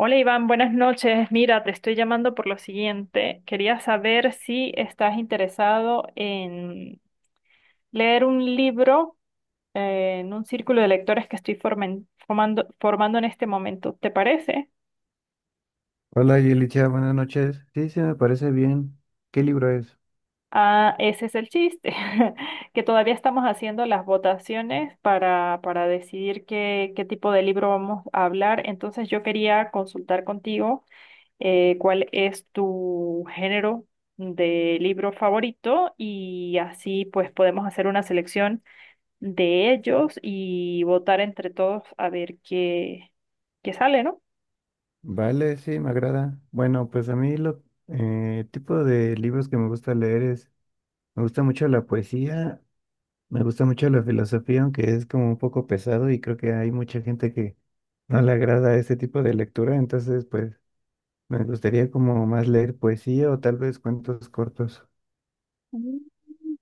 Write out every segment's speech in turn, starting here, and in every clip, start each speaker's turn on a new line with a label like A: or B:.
A: Hola Iván, buenas noches. Mira, te estoy llamando por lo siguiente. Quería saber si estás interesado en leer un libro en un círculo de lectores que estoy formando en este momento. ¿Te parece?
B: Hola Yelicha, buenas noches. Sí, sí, me parece bien. ¿Qué libro es?
A: Ah, ese es el chiste, que todavía estamos haciendo las votaciones para decidir qué tipo de libro vamos a hablar. Entonces yo quería consultar contigo cuál es tu género de libro favorito y así pues podemos hacer una selección de ellos y votar entre todos a ver qué, qué sale, ¿no?
B: Vale, sí, me agrada. Bueno, pues a mí lo tipo de libros que me gusta leer es, me gusta mucho la poesía, me gusta mucho la filosofía, aunque es como un poco pesado y creo que hay mucha gente que no le agrada este tipo de lectura, entonces pues me gustaría como más leer poesía o tal vez cuentos cortos.
A: Mm.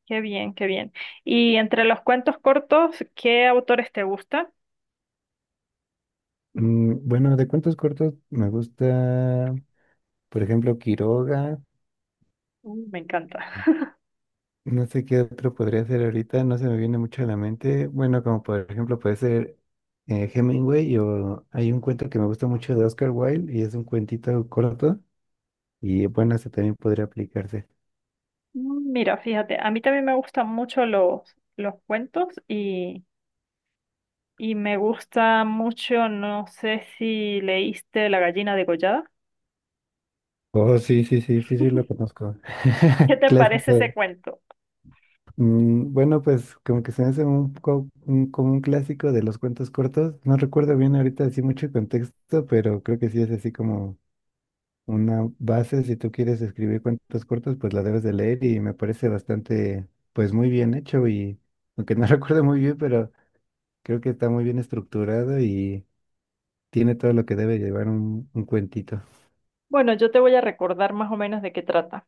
A: Qué bien, qué bien. Y entre los cuentos cortos, ¿qué autores te gustan?
B: Bueno, de cuentos cortos me gusta, por ejemplo, Quiroga.
A: Me encanta.
B: No sé qué otro podría ser ahorita, no se me viene mucho a la mente. Bueno, como por ejemplo puede ser Hemingway, o hay un cuento que me gusta mucho de Oscar Wilde y es un cuentito corto y bueno, ese también podría aplicarse.
A: Mira, fíjate, a mí también me gustan mucho los cuentos y me gusta mucho, no sé si leíste La gallina degollada.
B: Oh, sí, sí, sí, sí, sí, lo conozco.
A: ¿Qué te parece ese
B: Clásico.
A: cuento?
B: Bueno, pues como que se me hace un poco como un clásico de los cuentos cortos. No recuerdo bien ahorita así mucho contexto, pero creo que sí es así como una base. Si tú quieres escribir cuentos cortos, pues la debes de leer y me parece bastante, pues, muy bien hecho y aunque no recuerdo muy bien, pero creo que está muy bien estructurado y tiene todo lo que debe llevar un cuentito.
A: Bueno, yo te voy a recordar más o menos de qué trata.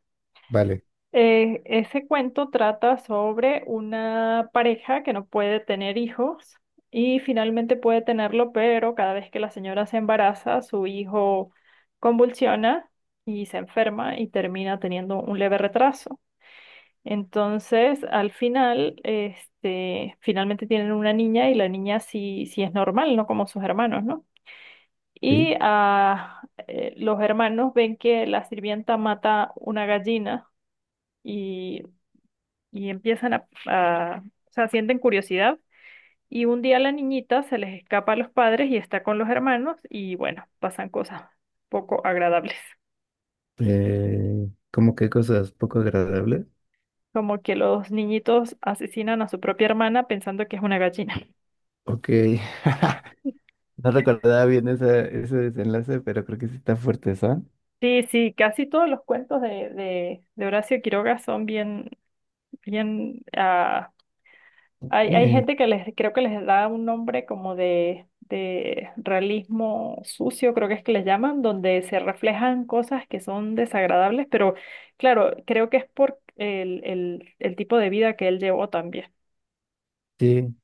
B: Vale,
A: Ese cuento trata sobre una pareja que no puede tener hijos y finalmente puede tenerlo, pero cada vez que la señora se embaraza, su hijo convulsiona y se enferma y termina teniendo un leve retraso. Entonces, al final, este, finalmente tienen una niña y la niña sí, sí es normal, no como sus hermanos, ¿no? Y
B: sí.
A: los hermanos ven que la sirvienta mata una gallina y, y empiezan o sea, sienten curiosidad. Y un día la niñita se les escapa a los padres y está con los hermanos y bueno, pasan cosas poco agradables.
B: ¿Cómo qué cosas poco agradables?
A: Como que los niñitos asesinan a su propia hermana pensando que es una gallina.
B: Ok, no recordaba bien esa, ese desenlace, pero creo que sí está fuerte, ¿sabes?
A: Sí, sí, casi todos los cuentos de Horacio Quiroga son bien, bien Hay, hay
B: Eh,
A: gente que les, creo que les da un nombre como de realismo sucio, creo que es que les llaman, donde se reflejan cosas que son desagradables, pero claro, creo que es por el tipo de vida que él llevó también.
B: sí,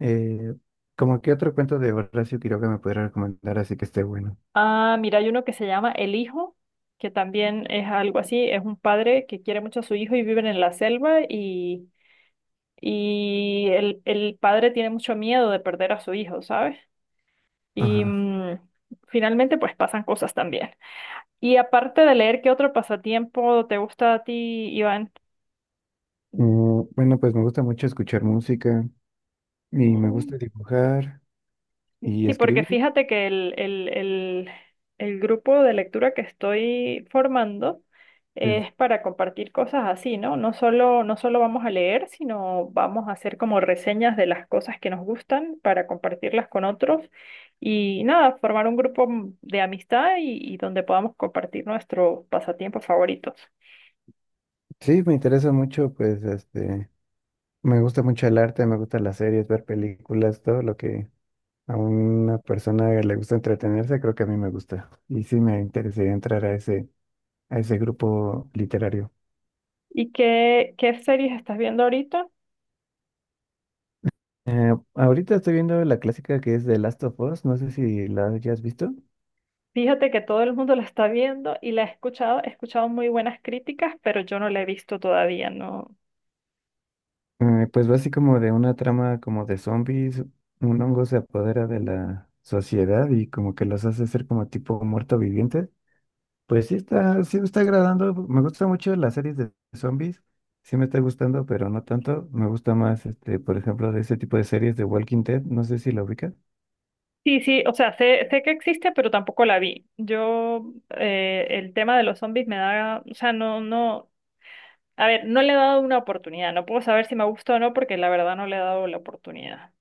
B: eh, ¿cómo qué otro cuento de Horacio Quiroga me podría recomendar así que esté bueno?
A: Ah, mira, hay uno que se llama El Hijo, que también es algo así, es un padre que quiere mucho a su hijo y viven en la selva y el padre tiene mucho miedo de perder a su hijo, ¿sabes? Y
B: Ajá.
A: finalmente pues pasan cosas también. Y aparte de leer, ¿qué otro pasatiempo te gusta a ti, Iván?
B: Bueno, pues me gusta mucho escuchar música y me
A: Mm.
B: gusta dibujar y
A: Sí, porque
B: escribir.
A: fíjate que el grupo de lectura que estoy formando
B: Sí,
A: es para compartir cosas así, ¿no? No solo, no solo vamos a leer, sino vamos a hacer como reseñas de las cosas que nos gustan para compartirlas con otros y nada, formar un de amistad y donde podamos compartir nuestros pasatiempos favoritos.
B: sí, me interesa mucho, pues, este, me gusta mucho el arte, me gustan las series, ver películas, todo lo que a una persona le gusta entretenerse, creo que a mí me gusta. Y sí me interesaría entrar a ese grupo literario.
A: ¿Y qué, qué series estás viendo ahorita?
B: Ahorita estoy viendo la clásica que es The Last of Us, no sé si la hayas visto.
A: Fíjate que todo el mundo la está viendo y la he escuchado muy buenas críticas, pero yo no la he visto todavía, no.
B: Pues va así como de una trama como de zombies, un hongo se apodera de la sociedad y como que los hace ser como tipo muerto viviente. Pues sí está, sí me está agradando, me gustan mucho las series de zombies, sí me está gustando, pero no tanto, me gusta más, este, por ejemplo, de ese tipo de series de Walking Dead, no sé si la ubicas.
A: Sí, sí, o sea, sé, sé que existe, pero tampoco la vi. Yo, el tema de los zombies me da, o sea, no, no, a ver, no le he dado una oportunidad, no puedo saber si me gustó o no, porque la verdad no le he dado la oportunidad.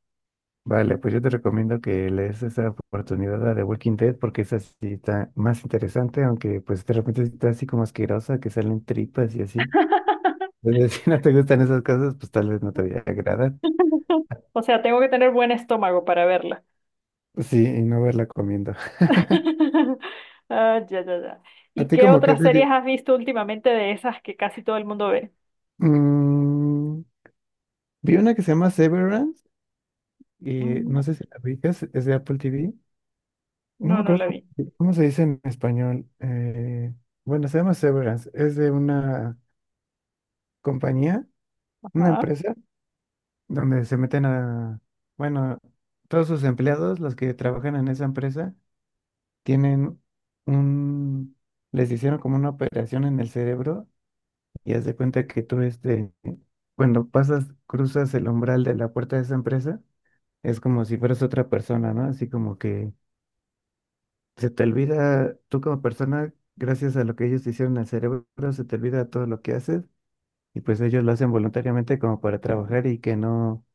B: Vale, pues yo te recomiendo que le des esa oportunidad a The Walking Dead, porque esa sí está más interesante, aunque pues de repente está así como asquerosa, que salen tripas y así. Es decir, si no te gustan esas cosas, pues tal vez no te agradan.
A: O sea, tengo que tener buen estómago para verla.
B: Sí, y no verla comiendo.
A: Ah, ya, ya, ya.
B: ¿A
A: ¿Y
B: ti
A: qué
B: como qué
A: otras series
B: serie?
A: has visto últimamente de esas que casi todo el mundo ve?
B: Mm, vi una que se llama Severance y no
A: Mm,
B: sé si la ubicas, es de Apple TV. No
A: No,
B: me
A: no
B: acuerdo
A: la
B: cómo
A: vi.
B: se cómo se dice en español. Bueno, se llama Severance. Es de una compañía, una
A: Ajá.
B: empresa, donde se meten a, bueno, todos sus empleados, los que trabajan en esa empresa, tienen un, les hicieron como una operación en el cerebro. Y haz de cuenta que tú, este, cuando pasas, cruzas el umbral de la puerta de esa empresa, es como si fueras otra persona, ¿no? Así como que se te olvida, tú como persona, gracias a lo que ellos te hicieron al cerebro, se te olvida todo lo que haces y pues ellos lo hacen voluntariamente como para trabajar y que no,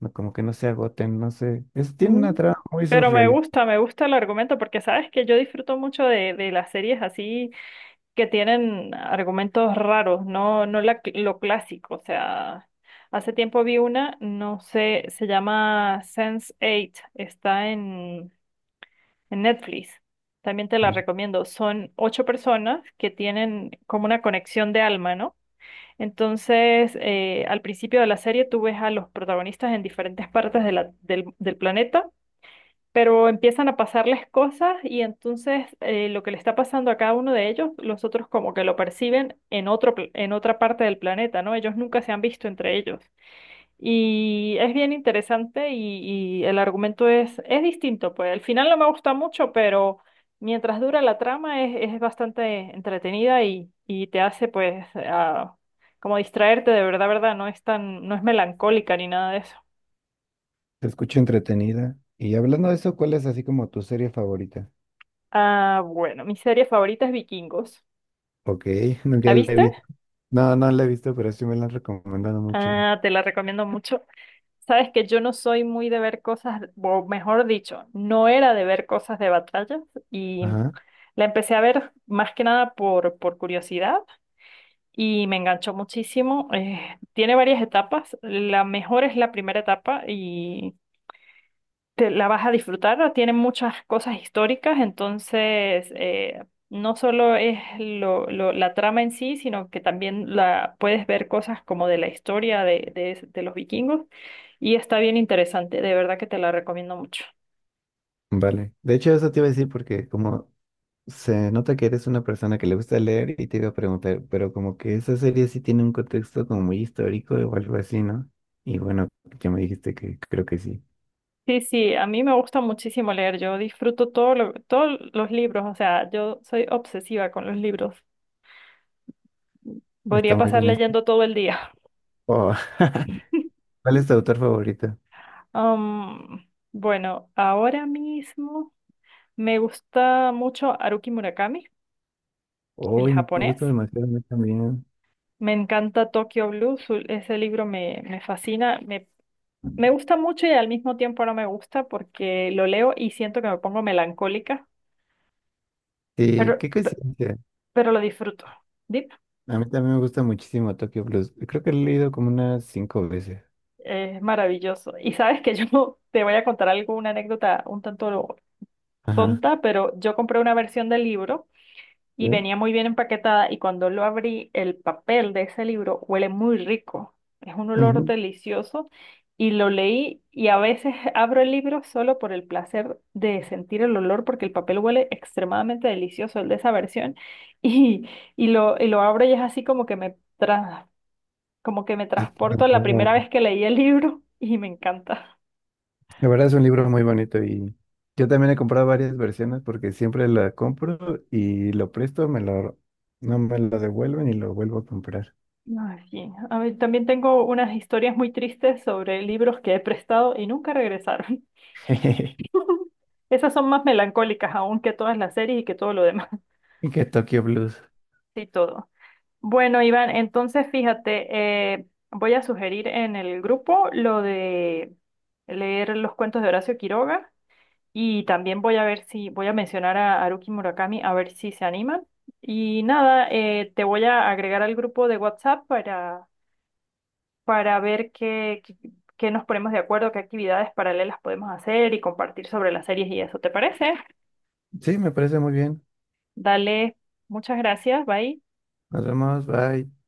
B: no como que no se agoten, no sé. Es, tiene
A: Mm.
B: una trama muy
A: Pero
B: surrealista.
A: me gusta el argumento porque sabes que yo disfruto mucho de las series así que tienen argumentos raros, no, no lo clásico. O sea, hace tiempo vi una, no sé, se llama sense Eight, está en Netflix. También te la
B: Ujú.
A: recomiendo. Son ocho personas que tienen como una conexión de alma, ¿no? Entonces, al principio de la serie tú ves a los protagonistas en diferentes partes de del planeta, pero empiezan a pasarles cosas y entonces lo que le está pasando a cada uno de ellos, los otros como que lo perciben en en otra parte del planeta, ¿no? Ellos nunca se han visto entre ellos. Y es bien interesante y el argumento es distinto, pues al final no me gusta mucho, pero mientras dura la trama es bastante entretenida y te hace pues como distraerte de verdad, verdad, no es tan, no es melancólica ni nada de eso.
B: Te escucho entretenida. Y hablando de eso, ¿cuál es así como tu serie favorita?
A: Ah, bueno, mi serie favorita es Vikingos.
B: Ok,
A: ¿La
B: nunca la he
A: viste?
B: visto. No, no la he visto, pero sí me la han recomendado mucho.
A: Ah, te la recomiendo mucho. Sabes que yo no soy muy de ver cosas, o mejor dicho, no era de ver cosas de batallas y
B: Ajá,
A: la empecé a ver más que nada por curiosidad y me enganchó muchísimo. Tiene varias etapas, la mejor es la primera etapa y te la vas a disfrutar, tiene muchas cosas históricas, entonces no solo es la trama en sí, sino que también la, puedes ver cosas como de la historia de los vikingos. Y está bien interesante, de verdad que te la recomiendo mucho.
B: vale. De hecho, eso te iba a decir porque como se nota que eres una persona que le gusta leer y te iba a preguntar, pero como que esa serie sí tiene un contexto como muy histórico o algo así, ¿no? Y bueno, ya me dijiste que creo que sí.
A: Sí, sí, a mí me gusta muchísimo leer, yo disfruto todos los libros, o sea, yo soy obsesiva con los libros. Podría
B: Está muy
A: pasar
B: bien eso.
A: leyendo todo el día.
B: Oh, ¿Cuál es tu autor favorito?
A: Am, bueno, ahora mismo me gusta mucho Haruki Murakami, el
B: Uy, me
A: japonés.
B: gusta demasiado a mí también.
A: Me encanta Tokyo Blues, ese libro me fascina, me gusta mucho y al mismo tiempo no me gusta porque lo leo y siento que me pongo melancólica. Pero,
B: Sí, qué coincidencia.
A: pero lo disfruto. Dip,
B: A mí también me gusta muchísimo Tokyo Blues. Creo que lo he leído como unas 5 veces.
A: es maravilloso. Y sabes que yo te voy a contar algo, una anécdota un tanto
B: Ajá.
A: tonta, pero yo compré una versión del libro
B: ¿Sí?
A: y venía muy bien empaquetada y cuando lo abrí, el papel de ese libro huele muy rico. Es un olor
B: Ujú.
A: delicioso y lo leí y a veces abro el libro solo por el placer de sentir el olor porque el papel huele extremadamente delicioso, el de esa versión. Y, y lo abro y es así como que como que me
B: Es,
A: transporto a la primera vez que leí el libro y me encanta.
B: la verdad es un libro muy bonito y yo también he comprado varias versiones porque siempre la compro y lo presto, me lo, no me lo devuelven y lo vuelvo a comprar.
A: Ay, sí. A mí también tengo unas historias muy tristes sobre libros que he prestado y nunca regresaron. Esas son más melancólicas aún que todas las series y que todo lo demás
B: Y que Tokyo Blues.
A: y todo. Bueno, Iván, entonces fíjate, voy a sugerir en el grupo lo de leer los cuentos de Horacio Quiroga. Y también voy a ver si, voy a mencionar a Haruki Murakami, a ver si se animan. Y nada, te voy a agregar al grupo de WhatsApp para, para ver qué nos ponemos de acuerdo, qué actividades paralelas podemos hacer y compartir sobre las series y eso. ¿Te parece?
B: Sí, me parece muy bien.
A: Dale, muchas gracias, bye.
B: Nos vemos, bye.